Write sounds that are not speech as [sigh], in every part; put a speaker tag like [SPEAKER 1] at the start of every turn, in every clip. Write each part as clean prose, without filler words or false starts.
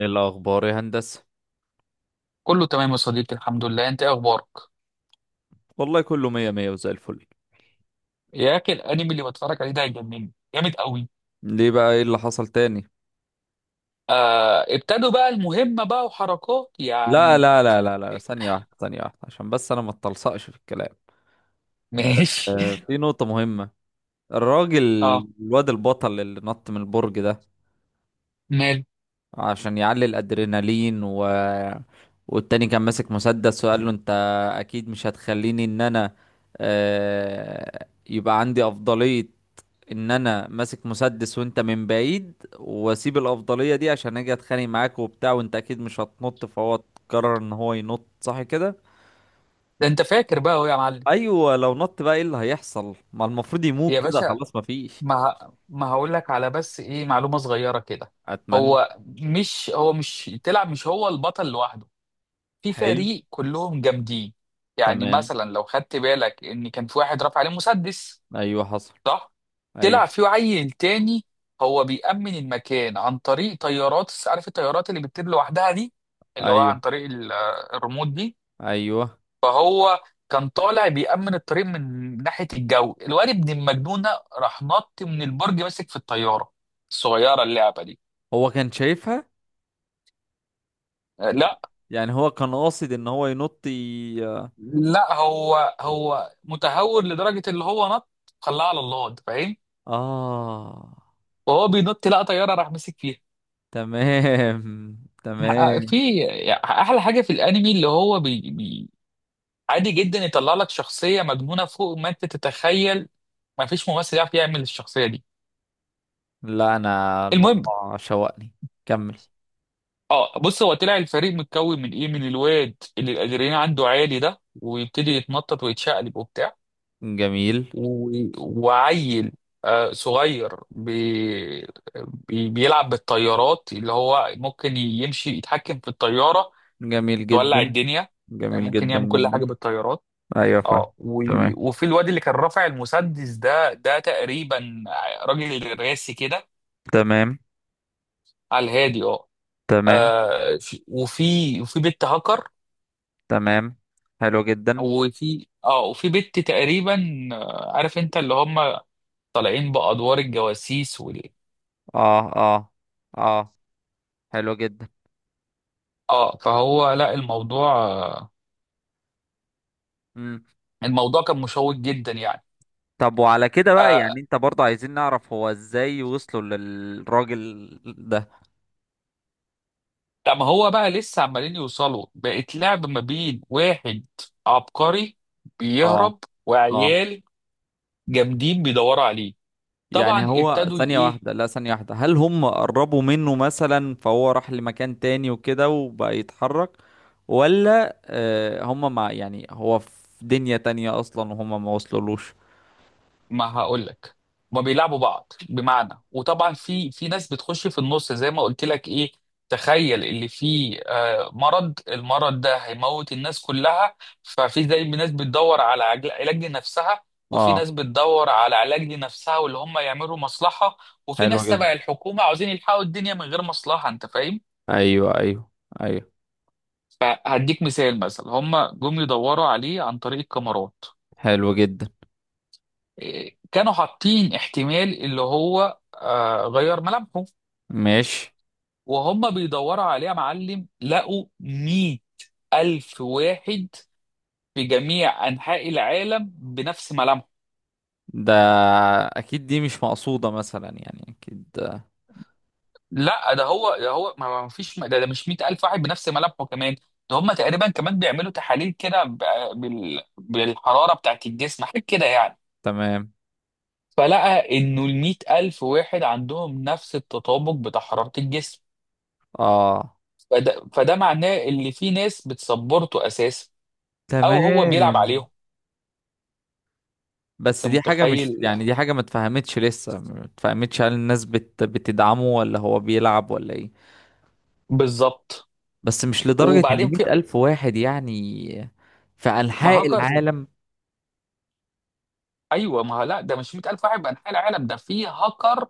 [SPEAKER 1] ايه الاخبار يا هندسه؟
[SPEAKER 2] كله تمام يا صديقي، الحمد لله. انت ايه اخبارك؟
[SPEAKER 1] والله كله مية مية وزي الفل.
[SPEAKER 2] يا اخي الانمي اللي بتفرج عليه ده هيجنني جامد قوي.
[SPEAKER 1] ليه بقى؟ ايه اللي حصل تاني؟
[SPEAKER 2] آه ابتدوا بقى المهمه بقى وحركات
[SPEAKER 1] لا،
[SPEAKER 2] يعني.
[SPEAKER 1] لا، لا، لا، لا،
[SPEAKER 2] [laughs]
[SPEAKER 1] ثانيه واحده، ثانيه واحده، عشان بس انا ما اتلصقش في الكلام. آه.
[SPEAKER 2] ماشي.
[SPEAKER 1] في نقطه مهمه. الراجل
[SPEAKER 2] اه.
[SPEAKER 1] الواد البطل اللي نط من البرج ده
[SPEAKER 2] مال.
[SPEAKER 1] عشان يعلي الادرينالين والتاني كان ماسك مسدس، وقال له: انت اكيد مش هتخليني ان انا، يبقى عندي افضلية، ان انا ماسك مسدس وانت من بعيد، واسيب الافضلية دي عشان اجي اتخانق معاك وبتاع، وانت اكيد مش هتنط. فهو قرر ان هو ينط، صح كده؟
[SPEAKER 2] ده انت فاكر بقى اهو يا معلم.
[SPEAKER 1] ايوه، لو نط بقى ايه اللي هيحصل؟ ما المفروض يموت
[SPEAKER 2] يا
[SPEAKER 1] كده،
[SPEAKER 2] باشا
[SPEAKER 1] خلاص، مفيش.
[SPEAKER 2] ما هقول لك على بس ايه معلومه صغيره كده.
[SPEAKER 1] اتمنى.
[SPEAKER 2] هو مش هو مش تلعب مش هو البطل لوحده، في
[SPEAKER 1] حلو.
[SPEAKER 2] فريق كلهم جامدين. يعني
[SPEAKER 1] تمام.
[SPEAKER 2] مثلا لو خدت بالك ان كان في واحد رافع عليه مسدس.
[SPEAKER 1] ايوه حصل.
[SPEAKER 2] صح. طلع
[SPEAKER 1] ايوه،
[SPEAKER 2] في عيل تاني. هو بيأمن المكان عن طريق طيارات عارف الطيارات اللي بتطير لوحدها دي، اللي هو عن
[SPEAKER 1] ايوه،
[SPEAKER 2] طريق الريموت دي.
[SPEAKER 1] ايوه.
[SPEAKER 2] فهو كان طالع بيأمن الطريق من ناحية الجو. الواد ابن المجنونة راح نط من البرج ماسك في الطيارة الصغيرة اللعبة دي.
[SPEAKER 1] هو كان شايفها؟
[SPEAKER 2] لا،
[SPEAKER 1] يعني هو كان قاصد ان هو ينط
[SPEAKER 2] هو متهور لدرجة اللي هو نط. خلاه على الله انت فاهم.
[SPEAKER 1] اه.
[SPEAKER 2] وهو بينط لقى طيارة راح ماسك فيها.
[SPEAKER 1] تمام،
[SPEAKER 2] [laughs]
[SPEAKER 1] تمام.
[SPEAKER 2] في احلى حاجه في الانمي اللي هو عادي جدا يطلع لك شخصية مجنونة فوق ما انت تتخيل. ما فيش ممثل يعرف يعمل الشخصية دي.
[SPEAKER 1] لا، انا
[SPEAKER 2] المهم.
[SPEAKER 1] الموضوع شوقني. كمل.
[SPEAKER 2] اه بص هو طلع الفريق متكون من ايه؟ من الواد اللي الادرينالين عنده عالي ده ويبتدي يتنطط ويتشقلب وبتاع.
[SPEAKER 1] جميل.
[SPEAKER 2] و... وعيل آه صغير بيلعب بالطيارات، اللي هو ممكن يمشي يتحكم في الطيارة،
[SPEAKER 1] جميل
[SPEAKER 2] تولع
[SPEAKER 1] جدا.
[SPEAKER 2] الدنيا. يعني
[SPEAKER 1] جميل
[SPEAKER 2] ممكن
[SPEAKER 1] جدا
[SPEAKER 2] يعمل كل
[SPEAKER 1] جدا.
[SPEAKER 2] حاجة بالطيارات.
[SPEAKER 1] ايوه، فاهم.
[SPEAKER 2] اه و...
[SPEAKER 1] تمام،
[SPEAKER 2] وفي الواد اللي كان رافع المسدس ده تقريبا راجل راسي كده
[SPEAKER 1] تمام،
[SPEAKER 2] على الهادي اه.
[SPEAKER 1] تمام،
[SPEAKER 2] وفي بنت هاكر.
[SPEAKER 1] تمام. حلو جدا.
[SPEAKER 2] وفي بنت تقريبا، عارف انت اللي هم طالعين بأدوار الجواسيس
[SPEAKER 1] اه، اه، اه. حلو جدا.
[SPEAKER 2] اه. لا الموضوع
[SPEAKER 1] مم.
[SPEAKER 2] الموضوع كان مشوق جدا يعني.
[SPEAKER 1] طب وعلى كده بقى، يعني
[SPEAKER 2] آه
[SPEAKER 1] انت برضه عايزين نعرف هو ازاي وصلوا للراجل ده؟
[SPEAKER 2] طب هو بقى لسه عمالين يوصلوا بقت لعب ما بين واحد عبقري
[SPEAKER 1] اه،
[SPEAKER 2] بيهرب
[SPEAKER 1] اه.
[SPEAKER 2] وعيال جامدين بيدوروا عليه.
[SPEAKER 1] يعني
[SPEAKER 2] طبعا
[SPEAKER 1] هو،
[SPEAKER 2] ابتدوا
[SPEAKER 1] ثانية
[SPEAKER 2] ايه.
[SPEAKER 1] واحدة، لا، ثانية واحدة، هل هم قربوا منه مثلا فهو راح لمكان تاني وكده وبقى يتحرك؟ ولا هم مع، يعني هو في دنيا تانية أصلا وهم ما وصلولوش؟
[SPEAKER 2] ما هقول لك ما بيلعبوا بعض بمعنى. وطبعا في ناس بتخش في النص زي ما قلت لك ايه. تخيل اللي فيه المرض ده هيموت الناس كلها. ففي زي ناس بتدور على علاج لنفسها. وفي
[SPEAKER 1] اه.
[SPEAKER 2] ناس بتدور على علاج لنفسها واللي هم يعملوا مصلحة. وفي
[SPEAKER 1] حلو
[SPEAKER 2] ناس
[SPEAKER 1] جدا.
[SPEAKER 2] تبع الحكومة عاوزين يلحقوا الدنيا من غير مصلحة انت فاهم.
[SPEAKER 1] أيوه، أيوه، أيوه.
[SPEAKER 2] فهديك مثال مثلا، هم جم يدوروا عليه عن طريق الكاميرات،
[SPEAKER 1] حلو جدا.
[SPEAKER 2] كانوا حاطين احتمال اللي هو غير ملامحه.
[SPEAKER 1] ماشي.
[SPEAKER 2] وهم بيدوروا عليه يا معلم لقوا 100 ألف واحد في جميع أنحاء العالم بنفس ملامحه.
[SPEAKER 1] ده أكيد دي مش مقصودة مثلا، يعني أكيد
[SPEAKER 2] لا ده هو ما فيش ده مش 100 ألف واحد بنفس ملامحه كمان. ده هم تقريبا كمان بيعملوا تحاليل كده بالحرارة بتاعت الجسم حاجة كده يعني.
[SPEAKER 1] تمام.
[SPEAKER 2] فلقى إنه ال 100 ألف واحد عندهم نفس التطابق بتاع حرارة الجسم.
[SPEAKER 1] اه.
[SPEAKER 2] فده معناه ان في ناس بتسبورته اساسا او هو بيلعب
[SPEAKER 1] تمام.
[SPEAKER 2] عليهم.
[SPEAKER 1] بس
[SPEAKER 2] انت
[SPEAKER 1] دي حاجة، مش
[SPEAKER 2] متخيل؟
[SPEAKER 1] يعني دي حاجة ما اتفهمتش، لسه ما اتفهمتش. هل الناس بتدعمه ولا هو بيلعب ولا ايه؟
[SPEAKER 2] بالظبط.
[SPEAKER 1] بس مش لدرجة ان
[SPEAKER 2] وبعدين في
[SPEAKER 1] 100,000 واحد يعني، في
[SPEAKER 2] ما
[SPEAKER 1] أنحاء
[SPEAKER 2] هاكر.
[SPEAKER 1] العالم.
[SPEAKER 2] ايوه ما هو لا ده مش 100,000 واحد بانحاء العالم، ده في هاكر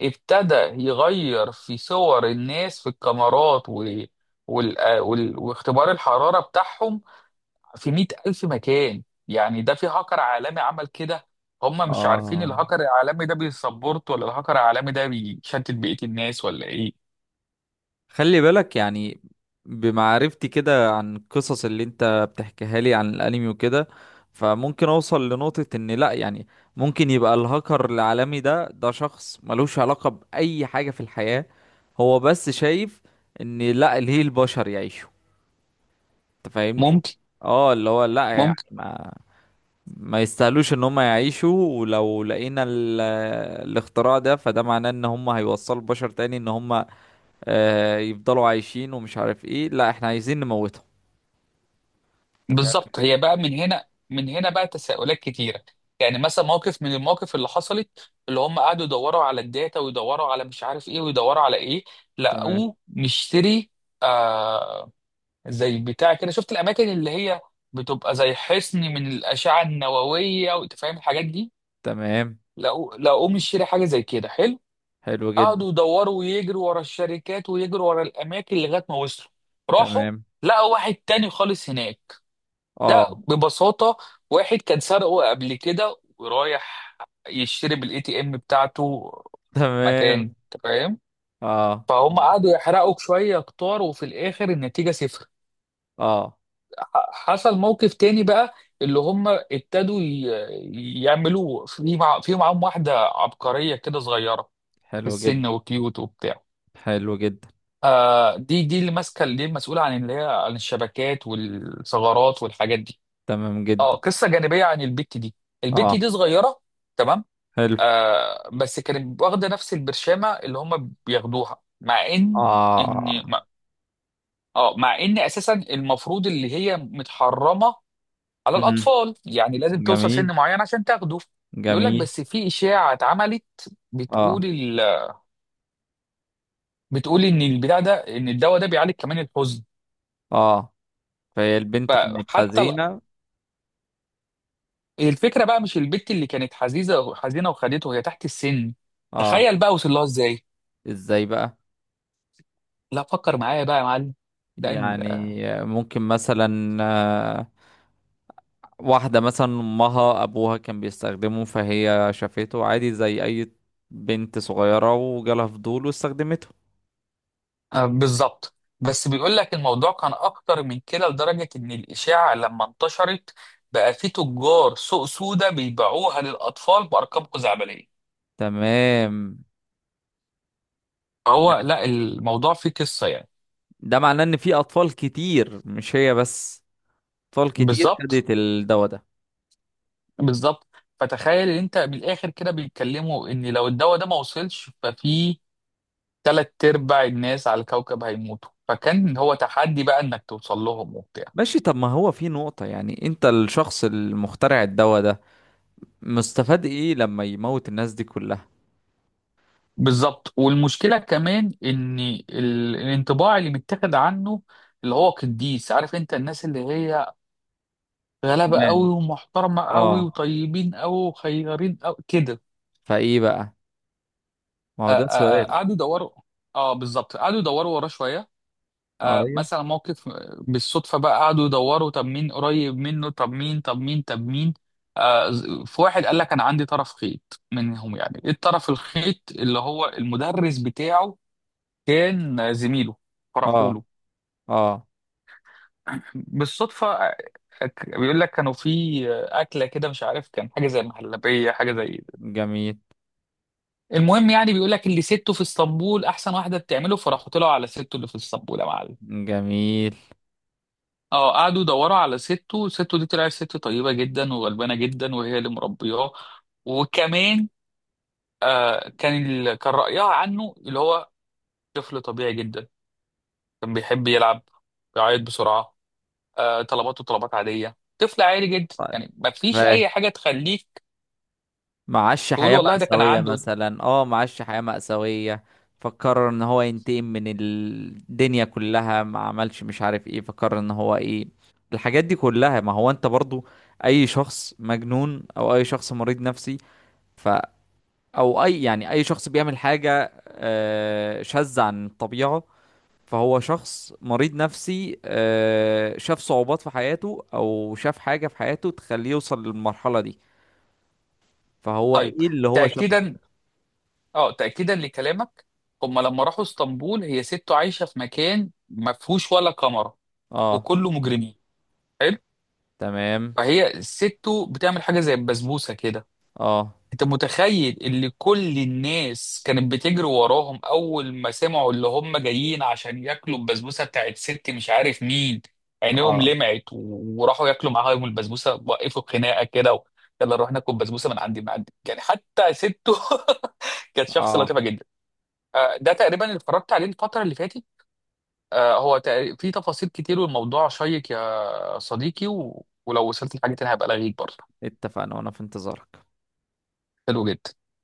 [SPEAKER 2] ابتدى يغير في صور الناس في الكاميرات واختبار الحراره بتاعهم في 100,000 مكان. يعني ده في هاكر عالمي عمل كده. هم مش عارفين
[SPEAKER 1] آه.
[SPEAKER 2] الهاكر العالمي ده بيسبورت ولا الهاكر العالمي ده بيشتت بقيه الناس ولا ايه.
[SPEAKER 1] خلي بالك يعني، بمعرفتي كده عن القصص اللي انت بتحكيها لي عن الأنمي وكده، فممكن أوصل لنقطة ان لأ، يعني ممكن يبقى الهاكر العالمي ده شخص ملوش علاقة بأي حاجة في الحياة. هو بس شايف ان لأ، ليه البشر يعيشوا؟ انت فاهمني؟
[SPEAKER 2] ممكن.
[SPEAKER 1] اه، اللي هو لا، يعني ما يستاهلوش ان هم يعيشوا. ولو لقينا الاختراع ده، فده معناه ان هم هيوصلوا البشر تاني، ان هم يفضلوا عايشين ومش عارف ايه. لا، احنا عايزين نموتهم. انت فاهم
[SPEAKER 2] بالظبط. هي
[SPEAKER 1] الفكرة؟
[SPEAKER 2] بقى من هنا بقى تساؤلات كتيره. يعني مثلا موقف من المواقف اللي حصلت اللي هم قعدوا يدوروا على الداتا ويدوروا على مش عارف ايه ويدوروا على ايه
[SPEAKER 1] تمام،
[SPEAKER 2] لقوه مشتري. آه زي بتاع كده، شفت الاماكن اللي هي بتبقى زي حصن من الاشعه النوويه وانت فاهم الحاجات دي.
[SPEAKER 1] تمام.
[SPEAKER 2] لقوه مشتري حاجه زي كده حلو.
[SPEAKER 1] حلو جدا.
[SPEAKER 2] قعدوا يدوروا ويجروا ورا الشركات ويجروا ورا الاماكن لغايه ما وصلوا. راحوا
[SPEAKER 1] تمام.
[SPEAKER 2] لقوا واحد تاني خالص هناك.
[SPEAKER 1] اه.
[SPEAKER 2] لا ببساطة، واحد كان سرقه قبل كده ورايح يشتري بالاي تي ام بتاعته
[SPEAKER 1] [laughs]
[SPEAKER 2] مكان
[SPEAKER 1] تمام.
[SPEAKER 2] أنت فاهم.
[SPEAKER 1] اه،
[SPEAKER 2] فهم قعدوا يحرقوا شوية كتار وفي الآخر النتيجة صفر.
[SPEAKER 1] اه.
[SPEAKER 2] حصل موقف تاني بقى. اللي هم ابتدوا يعملوا في معاهم واحدة عبقرية كده صغيرة في
[SPEAKER 1] حلو جدا.
[SPEAKER 2] السن وكيوت وبتاع.
[SPEAKER 1] حلو جدا.
[SPEAKER 2] آه دي اللي ماسكة دي المسؤولة عن اللي هي عن الشبكات والثغرات والحاجات دي.
[SPEAKER 1] تمام
[SPEAKER 2] اه
[SPEAKER 1] جدا.
[SPEAKER 2] قصه جانبيه عن البت دي. البت
[SPEAKER 1] اه.
[SPEAKER 2] دي صغيره. تمام.
[SPEAKER 1] حلو.
[SPEAKER 2] آه بس كانت واخده نفس البرشامه اللي هم بياخدوها مع ان
[SPEAKER 1] اه.
[SPEAKER 2] ان ما- اه مع ان اساسا المفروض اللي هي متحرمه على
[SPEAKER 1] امم.
[SPEAKER 2] الاطفال، يعني لازم توصل سن
[SPEAKER 1] جميل.
[SPEAKER 2] معين عشان تاخده. بيقول لك
[SPEAKER 1] جميل.
[SPEAKER 2] بس في اشاعه اتعملت
[SPEAKER 1] اه،
[SPEAKER 2] بتقول ال... بتقول ان البتاع ده ان الدواء ده بيعالج كمان الحزن.
[SPEAKER 1] اه. فهي البنت كانت
[SPEAKER 2] فحتى ال-
[SPEAKER 1] حزينة.
[SPEAKER 2] الفكره بقى مش البت اللي كانت حزينه وخدته هي تحت السن.
[SPEAKER 1] اه.
[SPEAKER 2] تخيل بقى وصل لها ازاي.
[SPEAKER 1] ازاي بقى؟
[SPEAKER 2] لا فكر معايا بقى يا معلم. ده ال-
[SPEAKER 1] يعني ممكن مثلا واحدة مثلا امها ابوها كان بيستخدمه، فهي شافته عادي زي اي بنت صغيرة، وجالها فضول واستخدمته.
[SPEAKER 2] آه، بالظبط. بس بيقول لك الموضوع كان اكتر من كده لدرجه ان الاشاعه لما انتشرت بقى في تجار سوق سودا بيبيعوها للاطفال بارقام خزعبليه.
[SPEAKER 1] تمام.
[SPEAKER 2] هو لا الموضوع فيه قصه يعني.
[SPEAKER 1] ده معناه ان في اطفال كتير، مش هي بس. اطفال كتير
[SPEAKER 2] بالظبط
[SPEAKER 1] خدت الدواء ده.
[SPEAKER 2] بالظبط فتخيل ان انت من الاخر كده بيتكلموا ان لو الدواء ده ما وصلش ففي تلات ارباع الناس على الكوكب هيموتوا، فكان هو تحدي بقى انك توصل لهم وبتاع.
[SPEAKER 1] ماشي، طب ما هو في نقطة، يعني انت الشخص المخترع الدواء ده، مستفاد ايه لما يموت الناس دي كلها؟
[SPEAKER 2] بالظبط. والمشكله كمان ان الانطباع اللي متاخد عنه اللي هو قديس. عارف انت الناس اللي هي غلابه
[SPEAKER 1] تمام.
[SPEAKER 2] قوي ومحترمه قوي
[SPEAKER 1] اه.
[SPEAKER 2] وطيبين قوي وخيارين قوي كده.
[SPEAKER 1] فايه بقى؟ ما
[SPEAKER 2] آ-
[SPEAKER 1] هو
[SPEAKER 2] آ-
[SPEAKER 1] ده
[SPEAKER 2] آ،
[SPEAKER 1] سؤال.
[SPEAKER 2] قعدوا يدوروا. اه بالظبط قعدوا يدوروا وراه شويه.
[SPEAKER 1] اه،
[SPEAKER 2] آه
[SPEAKER 1] ايوه.
[SPEAKER 2] مثلا موقف بالصدفه بقى قعدوا يدوروا طب مين قريب منه طب مين. في واحد قال لك انا عندي طرف خيط منهم. يعني ايه الطرف الخيط؟ اللي هو المدرس بتاعه كان زميله.
[SPEAKER 1] اه،
[SPEAKER 2] فرحوا له.
[SPEAKER 1] اه.
[SPEAKER 2] بالصدفة. بيقول لك كانوا في أكلة كده مش عارف كان حاجة زي المهلبية حاجة زي.
[SPEAKER 1] جميل.
[SPEAKER 2] المهم يعني بيقول لك اللي سته في اسطنبول أحسن واحدة بتعمله، فراحوا طلعوا على سته اللي في اسطنبول يا معلم.
[SPEAKER 1] جميل.
[SPEAKER 2] اه قعدوا يدوروا على سته. سته دي طلعت ست طيبة جدا وغلبانة جدا وهي اللي مربياه. وكمان كان رأيها عنه اللي هو طفل طبيعي جدا. كان بيحب يلعب، بيعيط بسرعة، طلباته طلبات عاديه، طفل عادي جدا،
[SPEAKER 1] طيب.
[SPEAKER 2] يعني ما فيش
[SPEAKER 1] ماشي.
[SPEAKER 2] اي حاجه تخليك
[SPEAKER 1] معاش
[SPEAKER 2] تقول
[SPEAKER 1] حياة
[SPEAKER 2] والله ده كان
[SPEAKER 1] مأساوية
[SPEAKER 2] عنده.
[SPEAKER 1] مثلا، معاش حياة مأساوية، فقرر ان هو ينتقم من الدنيا كلها، ما عملش مش عارف ايه، فقرر ان هو ايه الحاجات دي كلها. ما هو انت برضو، اي شخص مجنون او اي شخص مريض نفسي، ف او اي، يعني اي شخص بيعمل حاجة شاذة عن الطبيعة، فهو شخص مريض نفسي. شاف صعوبات في حياته او شاف حاجة في حياته تخليه يوصل للمرحلة دي. فهو
[SPEAKER 2] طيب.
[SPEAKER 1] ايه اللي هو شافه؟
[SPEAKER 2] تاكيدا. اه تاكيدا لكلامك، هم لما راحوا اسطنبول هي سته عايشه في مكان ما فيهوش ولا كاميرا
[SPEAKER 1] اه.
[SPEAKER 2] وكله مجرمين. حلو.
[SPEAKER 1] تمام.
[SPEAKER 2] فهي سته بتعمل حاجه زي البسبوسه كده.
[SPEAKER 1] اه،
[SPEAKER 2] انت متخيل اللي كل الناس كانت بتجري وراهم اول ما سمعوا اللي هم جايين عشان ياكلوا البسبوسه بتاعت ست مش عارف مين. عينيهم
[SPEAKER 1] اه،
[SPEAKER 2] لمعت وراحوا ياكلوا معاهم البسبوسه. وقفوا خناقه كده يلا نروح ناكل بسبوسه من عندي يعني. حتى سته [laughs] كانت شخص
[SPEAKER 1] اه.
[SPEAKER 2] لطيفه جدا. ده تقريبا اللي اتفرجت عليه الفتره اللي فاتت. في تفاصيل كتير والموضوع شيق يا صديقي ولو وصلت لحاجه تانية هبقى الغيك برضه.
[SPEAKER 1] اتفقنا، وانا في انتظارك.
[SPEAKER 2] حلو جدا.